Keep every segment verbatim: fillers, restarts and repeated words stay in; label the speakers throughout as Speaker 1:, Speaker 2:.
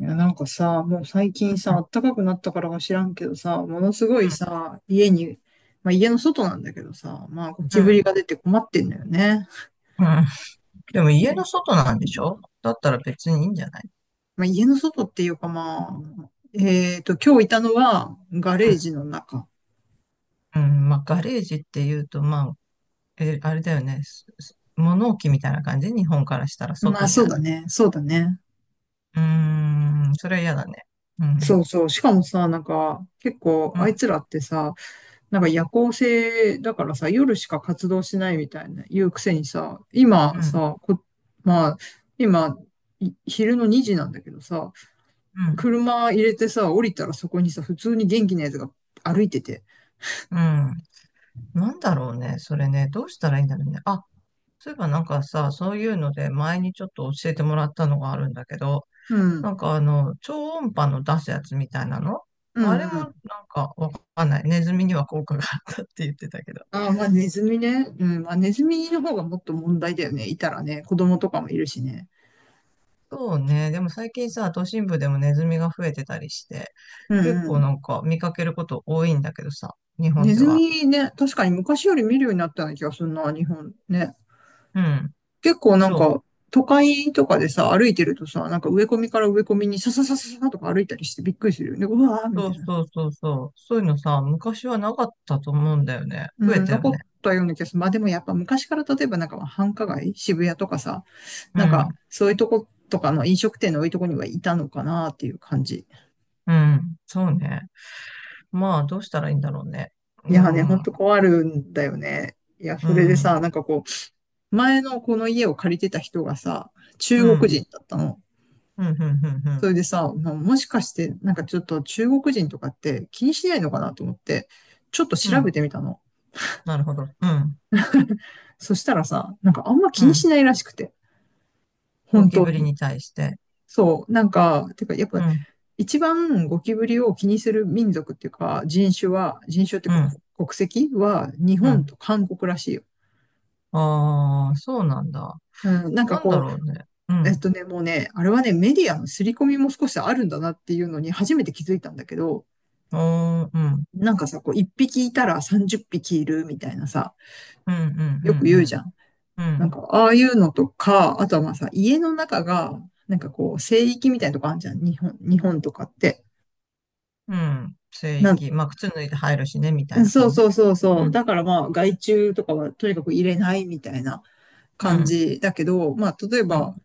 Speaker 1: いや、なんかさ、もう最近さ、
Speaker 2: うん、
Speaker 1: 暖かくなったからか知らんけどさ、ものすごいさ、家に、まあ家の外なんだけどさ、まあゴ
Speaker 2: う
Speaker 1: キブリ
Speaker 2: ん。
Speaker 1: が出て困ってんだよね。
Speaker 2: うん。でも家の外なんでしょ？だったら別にいいんじゃない？
Speaker 1: まあ家の外っていうかまあ、えっと、今日いたのはガ
Speaker 2: う
Speaker 1: レー
Speaker 2: ん、
Speaker 1: ジの中。
Speaker 2: うん。まあ、ガレージっていうと、まあ、え、あれだよね。すす物置みたいな感じ、日本からしたら
Speaker 1: ま
Speaker 2: 外
Speaker 1: あ
Speaker 2: に
Speaker 1: そう
Speaker 2: あ
Speaker 1: だ
Speaker 2: る。
Speaker 1: ね、そうだね。
Speaker 2: うーん、それは嫌だね。
Speaker 1: そうそう。しかもさ、なんか、結構
Speaker 2: う
Speaker 1: あ
Speaker 2: ん、
Speaker 1: いつらってさ、なん
Speaker 2: う
Speaker 1: か
Speaker 2: ん、
Speaker 1: 夜行性だからさ、夜しか活動しないみたいな言うくせにさ、今
Speaker 2: うん、
Speaker 1: さ、こ、まあ、今、い昼のにじなんだけどさ、
Speaker 2: うん。
Speaker 1: 車入れてさ、降りたらそこにさ、普通に元気なやつが歩いてて。
Speaker 2: うん。なんだろうね、それね。どうしたらいいんだろうね。あ、そういえばなんかさ、そういうので前にちょっと教えてもらったのがあるんだけど、
Speaker 1: うん、
Speaker 2: なんかあの、超音波の出すやつみたいなの。
Speaker 1: う
Speaker 2: あれ
Speaker 1: ん、
Speaker 2: も
Speaker 1: う
Speaker 2: なん
Speaker 1: ん。
Speaker 2: かわかんない。ネズミには効果があったって言ってたけど。
Speaker 1: ああ、まあネズミね。うん、まあネズミの方がもっと問題だよね。いたらね、子供とかもいるしね。
Speaker 2: そうね。でも最近さ、都心部でもネズミが増えてたりして、
Speaker 1: う
Speaker 2: 結
Speaker 1: ん、う
Speaker 2: 構な
Speaker 1: ん。
Speaker 2: んか見かけること多いんだけどさ、日本
Speaker 1: ネ
Speaker 2: で
Speaker 1: ズ
Speaker 2: は。
Speaker 1: ミね、確かに昔より見るようになったような気がするな、日本ね。
Speaker 2: うん。
Speaker 1: 結構なん
Speaker 2: そう。
Speaker 1: か、都会とかでさ、歩いてるとさ、なんか植え込みから植え込みにさささささとか歩いたりしてびっくりするよね。うわーみ
Speaker 2: そ
Speaker 1: た
Speaker 2: う
Speaker 1: いな。
Speaker 2: そうそうそう。そういうのさ、昔はなかったと思うんだよね。
Speaker 1: う
Speaker 2: 増え
Speaker 1: ん、
Speaker 2: たよ
Speaker 1: 残っ
Speaker 2: ね。
Speaker 1: たような気がする。まあでもやっぱ昔から例えばなんかまあ繁華街、渋谷とかさ、
Speaker 2: う
Speaker 1: なんか
Speaker 2: ん。
Speaker 1: そういうとことかの飲食店の多いとこにはいたのかなっていう感じ。
Speaker 2: うん。そうね。まあ、どうしたらいいんだろうね。
Speaker 1: い
Speaker 2: う
Speaker 1: やーね、
Speaker 2: ん。
Speaker 1: ほん
Speaker 2: う
Speaker 1: と
Speaker 2: ん。
Speaker 1: 困るんだよね。いや、
Speaker 2: う
Speaker 1: それでさ、
Speaker 2: ん。
Speaker 1: なんかこう、前のこの家を借りてた人がさ、中
Speaker 2: う
Speaker 1: 国
Speaker 2: ん。
Speaker 1: 人だったの。
Speaker 2: うん。うん。う
Speaker 1: そ
Speaker 2: ん。
Speaker 1: れでさ、まあ、もしかして、なんかちょっと中国人とかって気にしないのかなと思って、ちょっと
Speaker 2: う
Speaker 1: 調べ
Speaker 2: ん。
Speaker 1: てみたの。
Speaker 2: なるほど。うん。
Speaker 1: そしたらさ、なんかあんま
Speaker 2: う
Speaker 1: 気にし
Speaker 2: ん。
Speaker 1: ないらしくて、
Speaker 2: ゴ
Speaker 1: 本
Speaker 2: キ
Speaker 1: 当
Speaker 2: ブリ
Speaker 1: に。
Speaker 2: に対して。
Speaker 1: そう、なんか、てかやっ
Speaker 2: う
Speaker 1: ぱ、
Speaker 2: ん。
Speaker 1: 一番ゴキブリを気にする民族っていうか、人種は、人種ってい
Speaker 2: う
Speaker 1: うか
Speaker 2: ん。
Speaker 1: こ国籍は日
Speaker 2: う
Speaker 1: 本
Speaker 2: ん。
Speaker 1: と韓国らしいよ。
Speaker 2: ああ、そうなんだ。
Speaker 1: うん、なんか
Speaker 2: なんだ
Speaker 1: こ
Speaker 2: ろうね。う
Speaker 1: う、えっ
Speaker 2: ん。
Speaker 1: とね、もうね、あれはね、メディアの刷り込みも少しあるんだなっていうのに初めて気づいたんだけど、
Speaker 2: おー、うん。
Speaker 1: なんかさ、こう、一匹いたらさんじゅっぴきいるみたいなさ、
Speaker 2: うん。うん。う
Speaker 1: よく言うじ
Speaker 2: ん。
Speaker 1: ゃん。
Speaker 2: うん。う
Speaker 1: なん
Speaker 2: ん。
Speaker 1: か、ああいうのとか、あとはまあさ、家の中が、なんかこう、聖域みたいなとこあるじゃん。日本、日本とかって。
Speaker 2: うん。聖
Speaker 1: なん
Speaker 2: 域。まあ、靴脱いで入るしね、みたいな
Speaker 1: そう
Speaker 2: 感じ。
Speaker 1: そうそう
Speaker 2: う
Speaker 1: そう。
Speaker 2: ん。
Speaker 1: だからまあ、害虫とかはとにかく入れないみたいな
Speaker 2: う
Speaker 1: 感
Speaker 2: ん。
Speaker 1: じだけど、まあ、例え
Speaker 2: う
Speaker 1: ば、
Speaker 2: ん。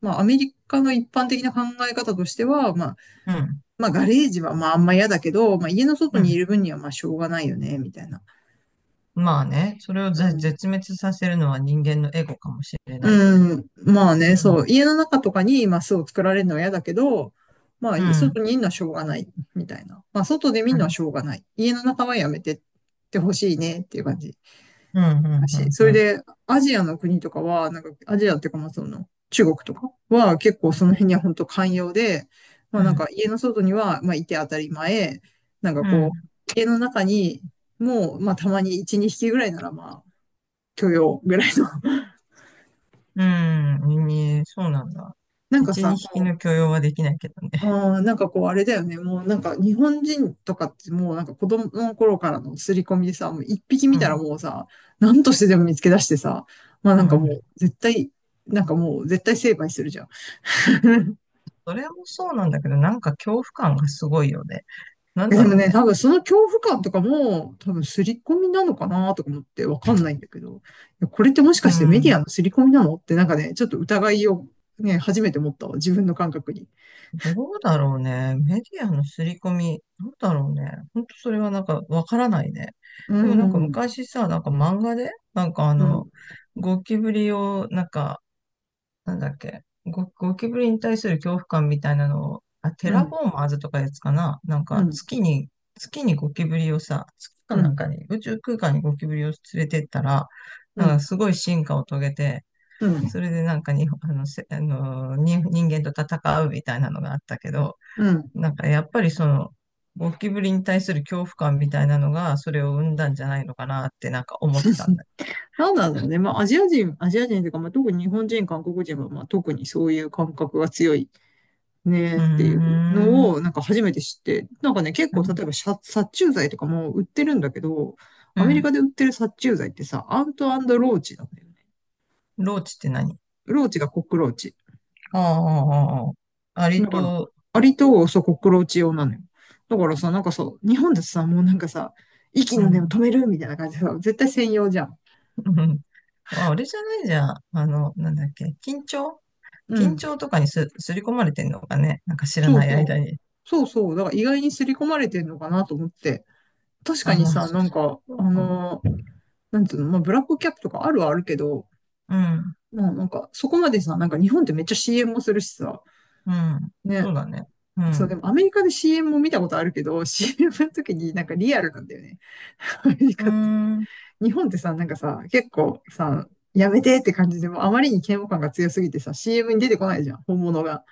Speaker 1: まあ、アメリカの一般的な考え方としては、まあ、
Speaker 2: うん。
Speaker 1: まあ、ガレージはまあ、あんま嫌だけど、まあ、家の外
Speaker 2: う
Speaker 1: にい
Speaker 2: ん。
Speaker 1: る分にはまあ、しょうがないよね、みたいな。
Speaker 2: まあね、それを
Speaker 1: う
Speaker 2: ぜ
Speaker 1: ん。
Speaker 2: 絶滅させるのは人間のエゴかもしれないよね。
Speaker 1: うん、まあ
Speaker 2: うん。
Speaker 1: ね、そう、家の中とかに、まあ、巣を作られるのは嫌だけど、まあ、
Speaker 2: う
Speaker 1: い
Speaker 2: ん。
Speaker 1: 外にいるのはしょうがない、みたいな。まあ、外で見る
Speaker 2: う
Speaker 1: のは
Speaker 2: ん。
Speaker 1: しょうがない。家の中はやめてってほしいねっていう感じ
Speaker 2: うん。う
Speaker 1: だ
Speaker 2: ん。う
Speaker 1: し
Speaker 2: ん。
Speaker 1: そ
Speaker 2: う
Speaker 1: れ
Speaker 2: ん。
Speaker 1: で、アジアの国とかは、なんか、アジアっていうか、まあ、その、中国とかは結構その辺には本当寛容で、
Speaker 2: う
Speaker 1: まあ、なんか、
Speaker 2: ん。
Speaker 1: 家の外には、まあ、いて当たり前、なんか
Speaker 2: う
Speaker 1: こ
Speaker 2: ん
Speaker 1: う、家の中にも、まあ、たまにいち、にひきぐらいなら、まあ、許容ぐらいの。
Speaker 2: うん、ええ、そうなんだ。
Speaker 1: なんか
Speaker 2: 一、
Speaker 1: さ、
Speaker 2: 二匹
Speaker 1: こ
Speaker 2: の
Speaker 1: う、
Speaker 2: 許容はできないけどね。
Speaker 1: ああ、なんかこう、あれだよね。もうなんか日本人とかってもうなんか子供の頃からの刷り込みでさ、もう一匹
Speaker 2: う
Speaker 1: 見たら
Speaker 2: ん、
Speaker 1: もうさ、何としてでも見つけ出してさ、まあな
Speaker 2: う
Speaker 1: んかもう
Speaker 2: ん。
Speaker 1: 絶対、なんかもう絶対成敗するじゃん。
Speaker 2: それもそうなんだけど、なんか恐怖感がすごいよね。なん
Speaker 1: で
Speaker 2: だ
Speaker 1: も
Speaker 2: ろう
Speaker 1: ね、
Speaker 2: ね。
Speaker 1: 多分その恐怖感とかも多分刷り込みなのかなとか思ってわかんないんだけど、いやこれってもし
Speaker 2: う
Speaker 1: かしてメディ
Speaker 2: ん、
Speaker 1: アの刷り込みなのってなんかね、ちょっと疑いをね、初めて持ったわ。自分の感覚に。
Speaker 2: どうだろうね。メディアの刷り込み、どうだろうね。ほんとそれはなんかわからないね。
Speaker 1: う
Speaker 2: でも
Speaker 1: ん、
Speaker 2: なんか
Speaker 1: うん、
Speaker 2: 昔さ、なんか漫画で、なんかあ
Speaker 1: う
Speaker 2: の、
Speaker 1: ん、
Speaker 2: ゴキブリをなんかなんだっけ、ゴ、ゴキブリに対する恐怖感みたいなのを、あ、テ
Speaker 1: う
Speaker 2: ラフ
Speaker 1: ん、
Speaker 2: ォーマーズとかやつかななん
Speaker 1: う
Speaker 2: か
Speaker 1: ん、
Speaker 2: 月に、月にゴキブリをさ、月か
Speaker 1: う
Speaker 2: なん
Speaker 1: ん、
Speaker 2: かに、宇宙空間にゴキブリを連れてったら、なん
Speaker 1: う
Speaker 2: かすごい進化を遂げて、
Speaker 1: ん、
Speaker 2: それでなんかに、あの、せ、あの、に、人間と戦うみたいなのがあったけど、
Speaker 1: うん。
Speaker 2: なんかやっぱりその、ゴキブリに対する恐怖感みたいなのが、それを生んだんじゃないのかなってなんか思ってたんだよ。
Speaker 1: なんなんだろうね。まあ、アジア人、アジア人というか、まあ、特に日本人、韓国人は、まあ、特にそういう感覚が強い
Speaker 2: う
Speaker 1: ね
Speaker 2: ー
Speaker 1: っていうの
Speaker 2: ん。
Speaker 1: を、なんか初めて知って、なんかね、結
Speaker 2: う
Speaker 1: 構、
Speaker 2: ん。
Speaker 1: 例えば殺、殺虫剤とかも売ってるんだけど、
Speaker 2: う
Speaker 1: アメリ
Speaker 2: ん。
Speaker 1: カで売ってる殺虫剤ってさ、アントローチなんだよね。
Speaker 2: ローチって何？
Speaker 1: ローチがコックローチ。
Speaker 2: ああ、ああ、ああ
Speaker 1: だ
Speaker 2: り
Speaker 1: から、
Speaker 2: と、
Speaker 1: アリとそうコックローチ用なのよ。だからさ、なんかさ、日本でさ、もうなんかさ、息
Speaker 2: う
Speaker 1: の根を
Speaker 2: ん。
Speaker 1: 止めるみたいな感じでさ、絶対専用じゃん。
Speaker 2: うん ああれじゃないじゃん。あの、なんだっけ、緊張
Speaker 1: う
Speaker 2: 緊
Speaker 1: ん。
Speaker 2: 張とかにす、すり込まれてんのかね。なんか知ら
Speaker 1: そ
Speaker 2: な
Speaker 1: う
Speaker 2: い
Speaker 1: そう。
Speaker 2: 間に。
Speaker 1: そうそう。だから意外に刷り込まれてんのかなと思って。確
Speaker 2: あ、
Speaker 1: かに
Speaker 2: まあ、
Speaker 1: さ、なんか、
Speaker 2: そ
Speaker 1: あ
Speaker 2: うかも。
Speaker 1: のーなんつうの、まあ、ブラックキャップとかあるはあるけど、
Speaker 2: うん、
Speaker 1: もうなんか、そこまでさ、なんか日本ってめっちゃ シーエム もするしさ、
Speaker 2: うん、
Speaker 1: ね。
Speaker 2: そうだね。う
Speaker 1: そう、で
Speaker 2: ん。
Speaker 1: もアメリカで シーエム も見たことあるけど、シーエム の時になんかリアルなんだよね。アメリ
Speaker 2: うー
Speaker 1: カって。
Speaker 2: ん、
Speaker 1: 日本ってさ、なんかさ、結構さ、やめてって感じで、もうあまりに嫌悪感が強すぎてさ、シーエム に出てこないじゃん、本物が。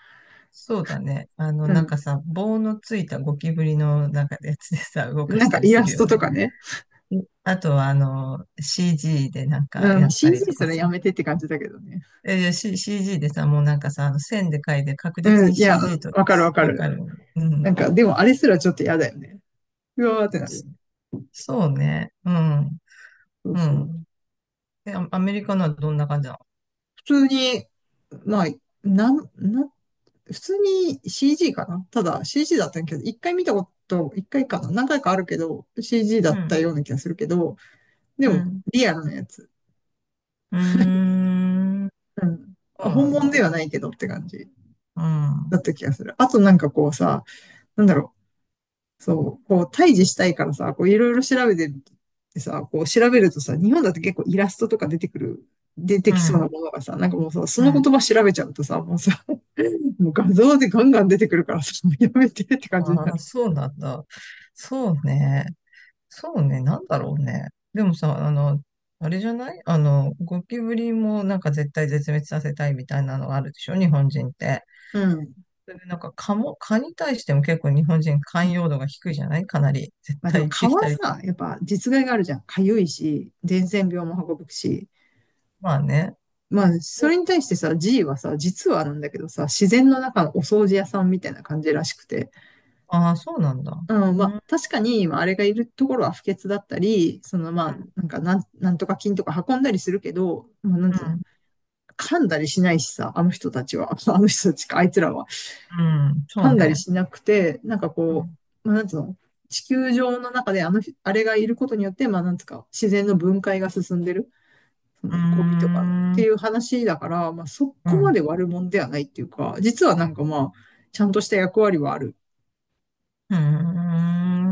Speaker 2: そうだね。あの、
Speaker 1: う
Speaker 2: なんか
Speaker 1: ん。
Speaker 2: さ、棒のついたゴキブリのなんかやつでさ、動か
Speaker 1: な
Speaker 2: し
Speaker 1: んか
Speaker 2: たり
Speaker 1: イ
Speaker 2: す
Speaker 1: ラ
Speaker 2: る
Speaker 1: ス
Speaker 2: よ
Speaker 1: トと
Speaker 2: ね。
Speaker 1: かね。
Speaker 2: あとは、あの、シージー でなんか
Speaker 1: う
Speaker 2: や
Speaker 1: ん、
Speaker 2: ったり
Speaker 1: シージー
Speaker 2: と
Speaker 1: す
Speaker 2: か
Speaker 1: ら
Speaker 2: す
Speaker 1: やめてって感じだけどね。
Speaker 2: え、いや、 C- シージー でさ、もうなんかさ、あの線で書いて確
Speaker 1: う
Speaker 2: 実
Speaker 1: ん、
Speaker 2: に
Speaker 1: いや、うん、
Speaker 2: シージー と
Speaker 1: わかるわか
Speaker 2: わ
Speaker 1: る。
Speaker 2: かる。う
Speaker 1: な
Speaker 2: ん。
Speaker 1: んか、でもあれすらちょっと嫌だよね。うわーってなるよ
Speaker 2: そ
Speaker 1: ね。
Speaker 2: そうね。うん。
Speaker 1: そう
Speaker 2: う
Speaker 1: そう。
Speaker 2: ん。で、アアメリカのはどんな感じなの？
Speaker 1: 普通に、まあ、なん、な、普通に シージー かなただ シージー だったけど、一回見たこと、一回かな何回かあるけど、シージー だ
Speaker 2: う
Speaker 1: った
Speaker 2: ん。
Speaker 1: ような気がするけど、で
Speaker 2: う
Speaker 1: も、
Speaker 2: ん。
Speaker 1: リアルなやつ。
Speaker 2: うーん。
Speaker 1: うん。
Speaker 2: そうな
Speaker 1: 本
Speaker 2: ん
Speaker 1: 物で
Speaker 2: だ。
Speaker 1: はないけどって感じ
Speaker 2: う
Speaker 1: だ
Speaker 2: ん。
Speaker 1: った気がする。あとなんかこうさ、なんだろう。そう、こう、対峙したいからさ、こう、いろいろ調べてってさ、こう、調べるとさ、日本だと結構イラストとか出てくる、出て
Speaker 2: う
Speaker 1: きそうな
Speaker 2: ん。
Speaker 1: ものがさ、なんかもうさ、そ
Speaker 2: う
Speaker 1: の言
Speaker 2: ん。
Speaker 1: 葉調べちゃうとさ、もうさ、もう画像でガンガン出てくるからさ、もうやめてって感じにな
Speaker 2: ああ、
Speaker 1: る。
Speaker 2: そうなんだ。そうね。そうね。なんだろうね。でもさ、あの、あれじゃない、あの、ゴキブリもなんか絶対絶滅させたいみたいなのがあるでしょ、日本人って。
Speaker 1: うん。
Speaker 2: それでなんか蚊も、蚊に対しても結構日本人寛容度が低いじゃない、かなり。絶
Speaker 1: まあでも
Speaker 2: 対一
Speaker 1: 蚊
Speaker 2: 匹
Speaker 1: は
Speaker 2: たりとも。
Speaker 1: さ、やっぱ実害があるじゃん。痒いし、伝染病も運ぶし。
Speaker 2: まあね。
Speaker 1: まあ、それに対してさ、G はさ、実はなんだけどさ、自然の中のお掃除屋さんみたいな感じらしくて。
Speaker 2: ああ、そうなんだ。
Speaker 1: うん、
Speaker 2: う
Speaker 1: ま
Speaker 2: ん。
Speaker 1: あ、確か
Speaker 2: うん。
Speaker 1: に、まあ、あれがいるところは不潔だったり、その、まあ、なんか、なん、なんとか菌とか運んだりするけど、まあ、なんつうの、
Speaker 2: う
Speaker 1: 噛んだりしないしさ、あの人たちは、あの人たちか、あいつらは、
Speaker 2: ん。そ
Speaker 1: 噛
Speaker 2: う
Speaker 1: んだり
Speaker 2: ね。
Speaker 1: しなくて、なんか
Speaker 2: う
Speaker 1: こ
Speaker 2: ん。
Speaker 1: う、まあ、なんつうの、地球上の中であの、あれがいることによって、まあ、なんつうか、自然の分解が進んでる、その、ゴミ
Speaker 2: うー
Speaker 1: とかの、って
Speaker 2: ん。
Speaker 1: いう話だから、まあ、そ
Speaker 2: う
Speaker 1: こま
Speaker 2: ん。
Speaker 1: で悪者ではないっていうか、実はなんかまあ、ちゃんとした役割はある
Speaker 2: うー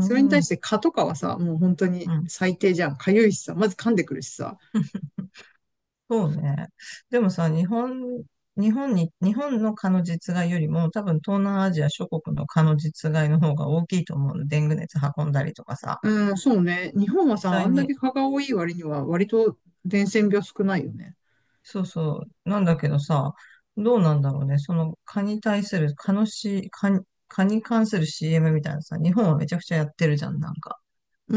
Speaker 1: それに
Speaker 2: う
Speaker 1: 対
Speaker 2: ん。
Speaker 1: して蚊とかはさ、もう本当に最低じゃん。痒いしさ、まず噛んでくるしさ。
Speaker 2: そうね。でもさ、日本、日本に、日本の蚊の実害よりも、多分東南アジア諸国の蚊の実害の方が大きいと思うの。デング熱運んだりとかさ。
Speaker 1: うん、そうね。日本は
Speaker 2: 実
Speaker 1: さ、あ
Speaker 2: 際
Speaker 1: んだ
Speaker 2: に
Speaker 1: け蚊が多い割には割と伝染病少ないよね。
Speaker 2: そうそう。なんだけどさ、どうなんだろうね。その蚊に対する、蚊のし、蚊に、蚊に関する シーエム みたいなさ、日本はめちゃくちゃやってるじゃん、なんか。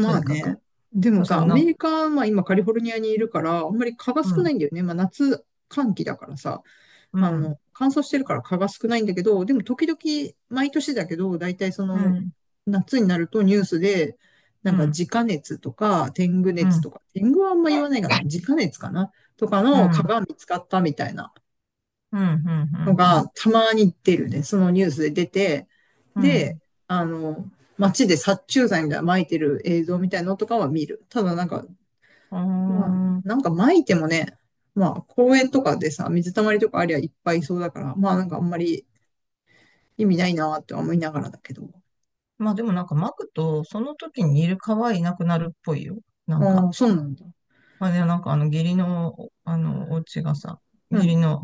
Speaker 2: と
Speaker 1: あ
Speaker 2: にかく。
Speaker 1: ね。でも
Speaker 2: だけ
Speaker 1: さ、
Speaker 2: ど
Speaker 1: ア
Speaker 2: な
Speaker 1: メ
Speaker 2: んか、
Speaker 1: リカ、まあ今カリフォルニアにいるから、あんまり蚊が
Speaker 2: う
Speaker 1: 少
Speaker 2: ん、
Speaker 1: ないんだよね。まあ夏、寒気だからさ。
Speaker 2: う
Speaker 1: あの、
Speaker 2: ん、
Speaker 1: 乾燥してるから蚊が少ないんだけど、でも時々、毎年だけど、だいたいそ
Speaker 2: う
Speaker 1: の、
Speaker 2: ん、
Speaker 1: 夏になるとニュースで、
Speaker 2: う
Speaker 1: なんか
Speaker 2: ん、
Speaker 1: 自家熱とか、天狗
Speaker 2: うん、う
Speaker 1: 熱
Speaker 2: ん、
Speaker 1: とか、天狗はあんま言わないかな、自家熱かなとか
Speaker 2: う
Speaker 1: の蚊
Speaker 2: ん、
Speaker 1: が見つかったみたいな
Speaker 2: うん、う
Speaker 1: のが
Speaker 2: ん、
Speaker 1: たまに出るね。そのニュースで出て、
Speaker 2: う
Speaker 1: で、
Speaker 2: ん。
Speaker 1: あの、街で殺虫剤みたいなの撒いてる映像みたいのとかは見る。ただなんか、
Speaker 2: うー
Speaker 1: まあ、
Speaker 2: ん。
Speaker 1: なんか撒いてもね、まあ公園とかでさ、水たまりとかありゃいっぱいいそうだから、まあなんかあんまり意味ないなーって思いながらだけど。
Speaker 2: まあでもなんか巻くと、その時にいる蚊はいなくなるっぽいよ。なん
Speaker 1: あ
Speaker 2: か。
Speaker 1: あ、そうなんだ。
Speaker 2: まあね、なんかあの義理の、あの、お家がさ、
Speaker 1: う
Speaker 2: 義
Speaker 1: ん、
Speaker 2: 理の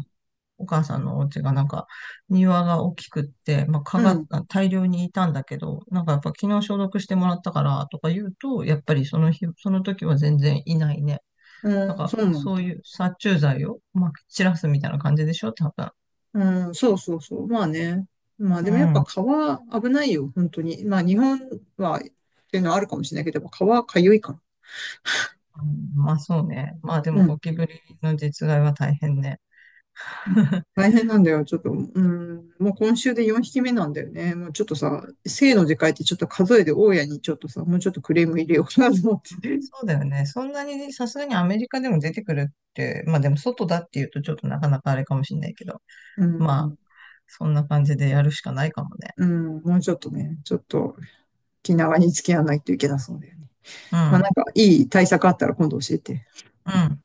Speaker 2: お母さんのお家がなんか庭が大きくって、まあ、蚊
Speaker 1: う
Speaker 2: が
Speaker 1: ん、
Speaker 2: 大量にいたんだけど、なんかやっぱ昨日消毒してもらったからとか言うと、やっぱりその日、その時は全然いないね。な
Speaker 1: う
Speaker 2: ん
Speaker 1: ん、
Speaker 2: か
Speaker 1: そうなん
Speaker 2: そうい
Speaker 1: だ。
Speaker 2: う殺虫剤をまき散らすみたいな感じでしょ、多分。
Speaker 1: うん、そうそうそう。まあね。まあで
Speaker 2: う
Speaker 1: もやっ
Speaker 2: ん。
Speaker 1: ぱ
Speaker 2: うん。
Speaker 1: 川危ないよ、本当に。まあ日本はっていうのはあるかもしれないけど、やっぱ川かゆいから。
Speaker 2: まあ、そうね。まあで
Speaker 1: う
Speaker 2: も
Speaker 1: ん。
Speaker 2: ゴキブリの実害は大変ね。
Speaker 1: 大変なんだよ、ちょっと。うん、もう今週でよんひきめなんだよね。もうちょっとさ、生の時界ってちょっと数えで大家にちょっとさ、もうちょっとクレーム入れようかなと思って。
Speaker 2: そうだよね。そんなにね、さすがにアメリカでも出てくるって、まあでも外だっていうとちょっとなかなかあれかもしれないけど、
Speaker 1: う
Speaker 2: まあ
Speaker 1: ん、
Speaker 2: そんな感じでやるしかないかもね。
Speaker 1: うん、もうちょっとね、ちょっと気長に付き合わないといけなそうだよね。
Speaker 2: う
Speaker 1: まあ、なん
Speaker 2: ん、
Speaker 1: かいい対策あったら今度教えて。
Speaker 2: うん。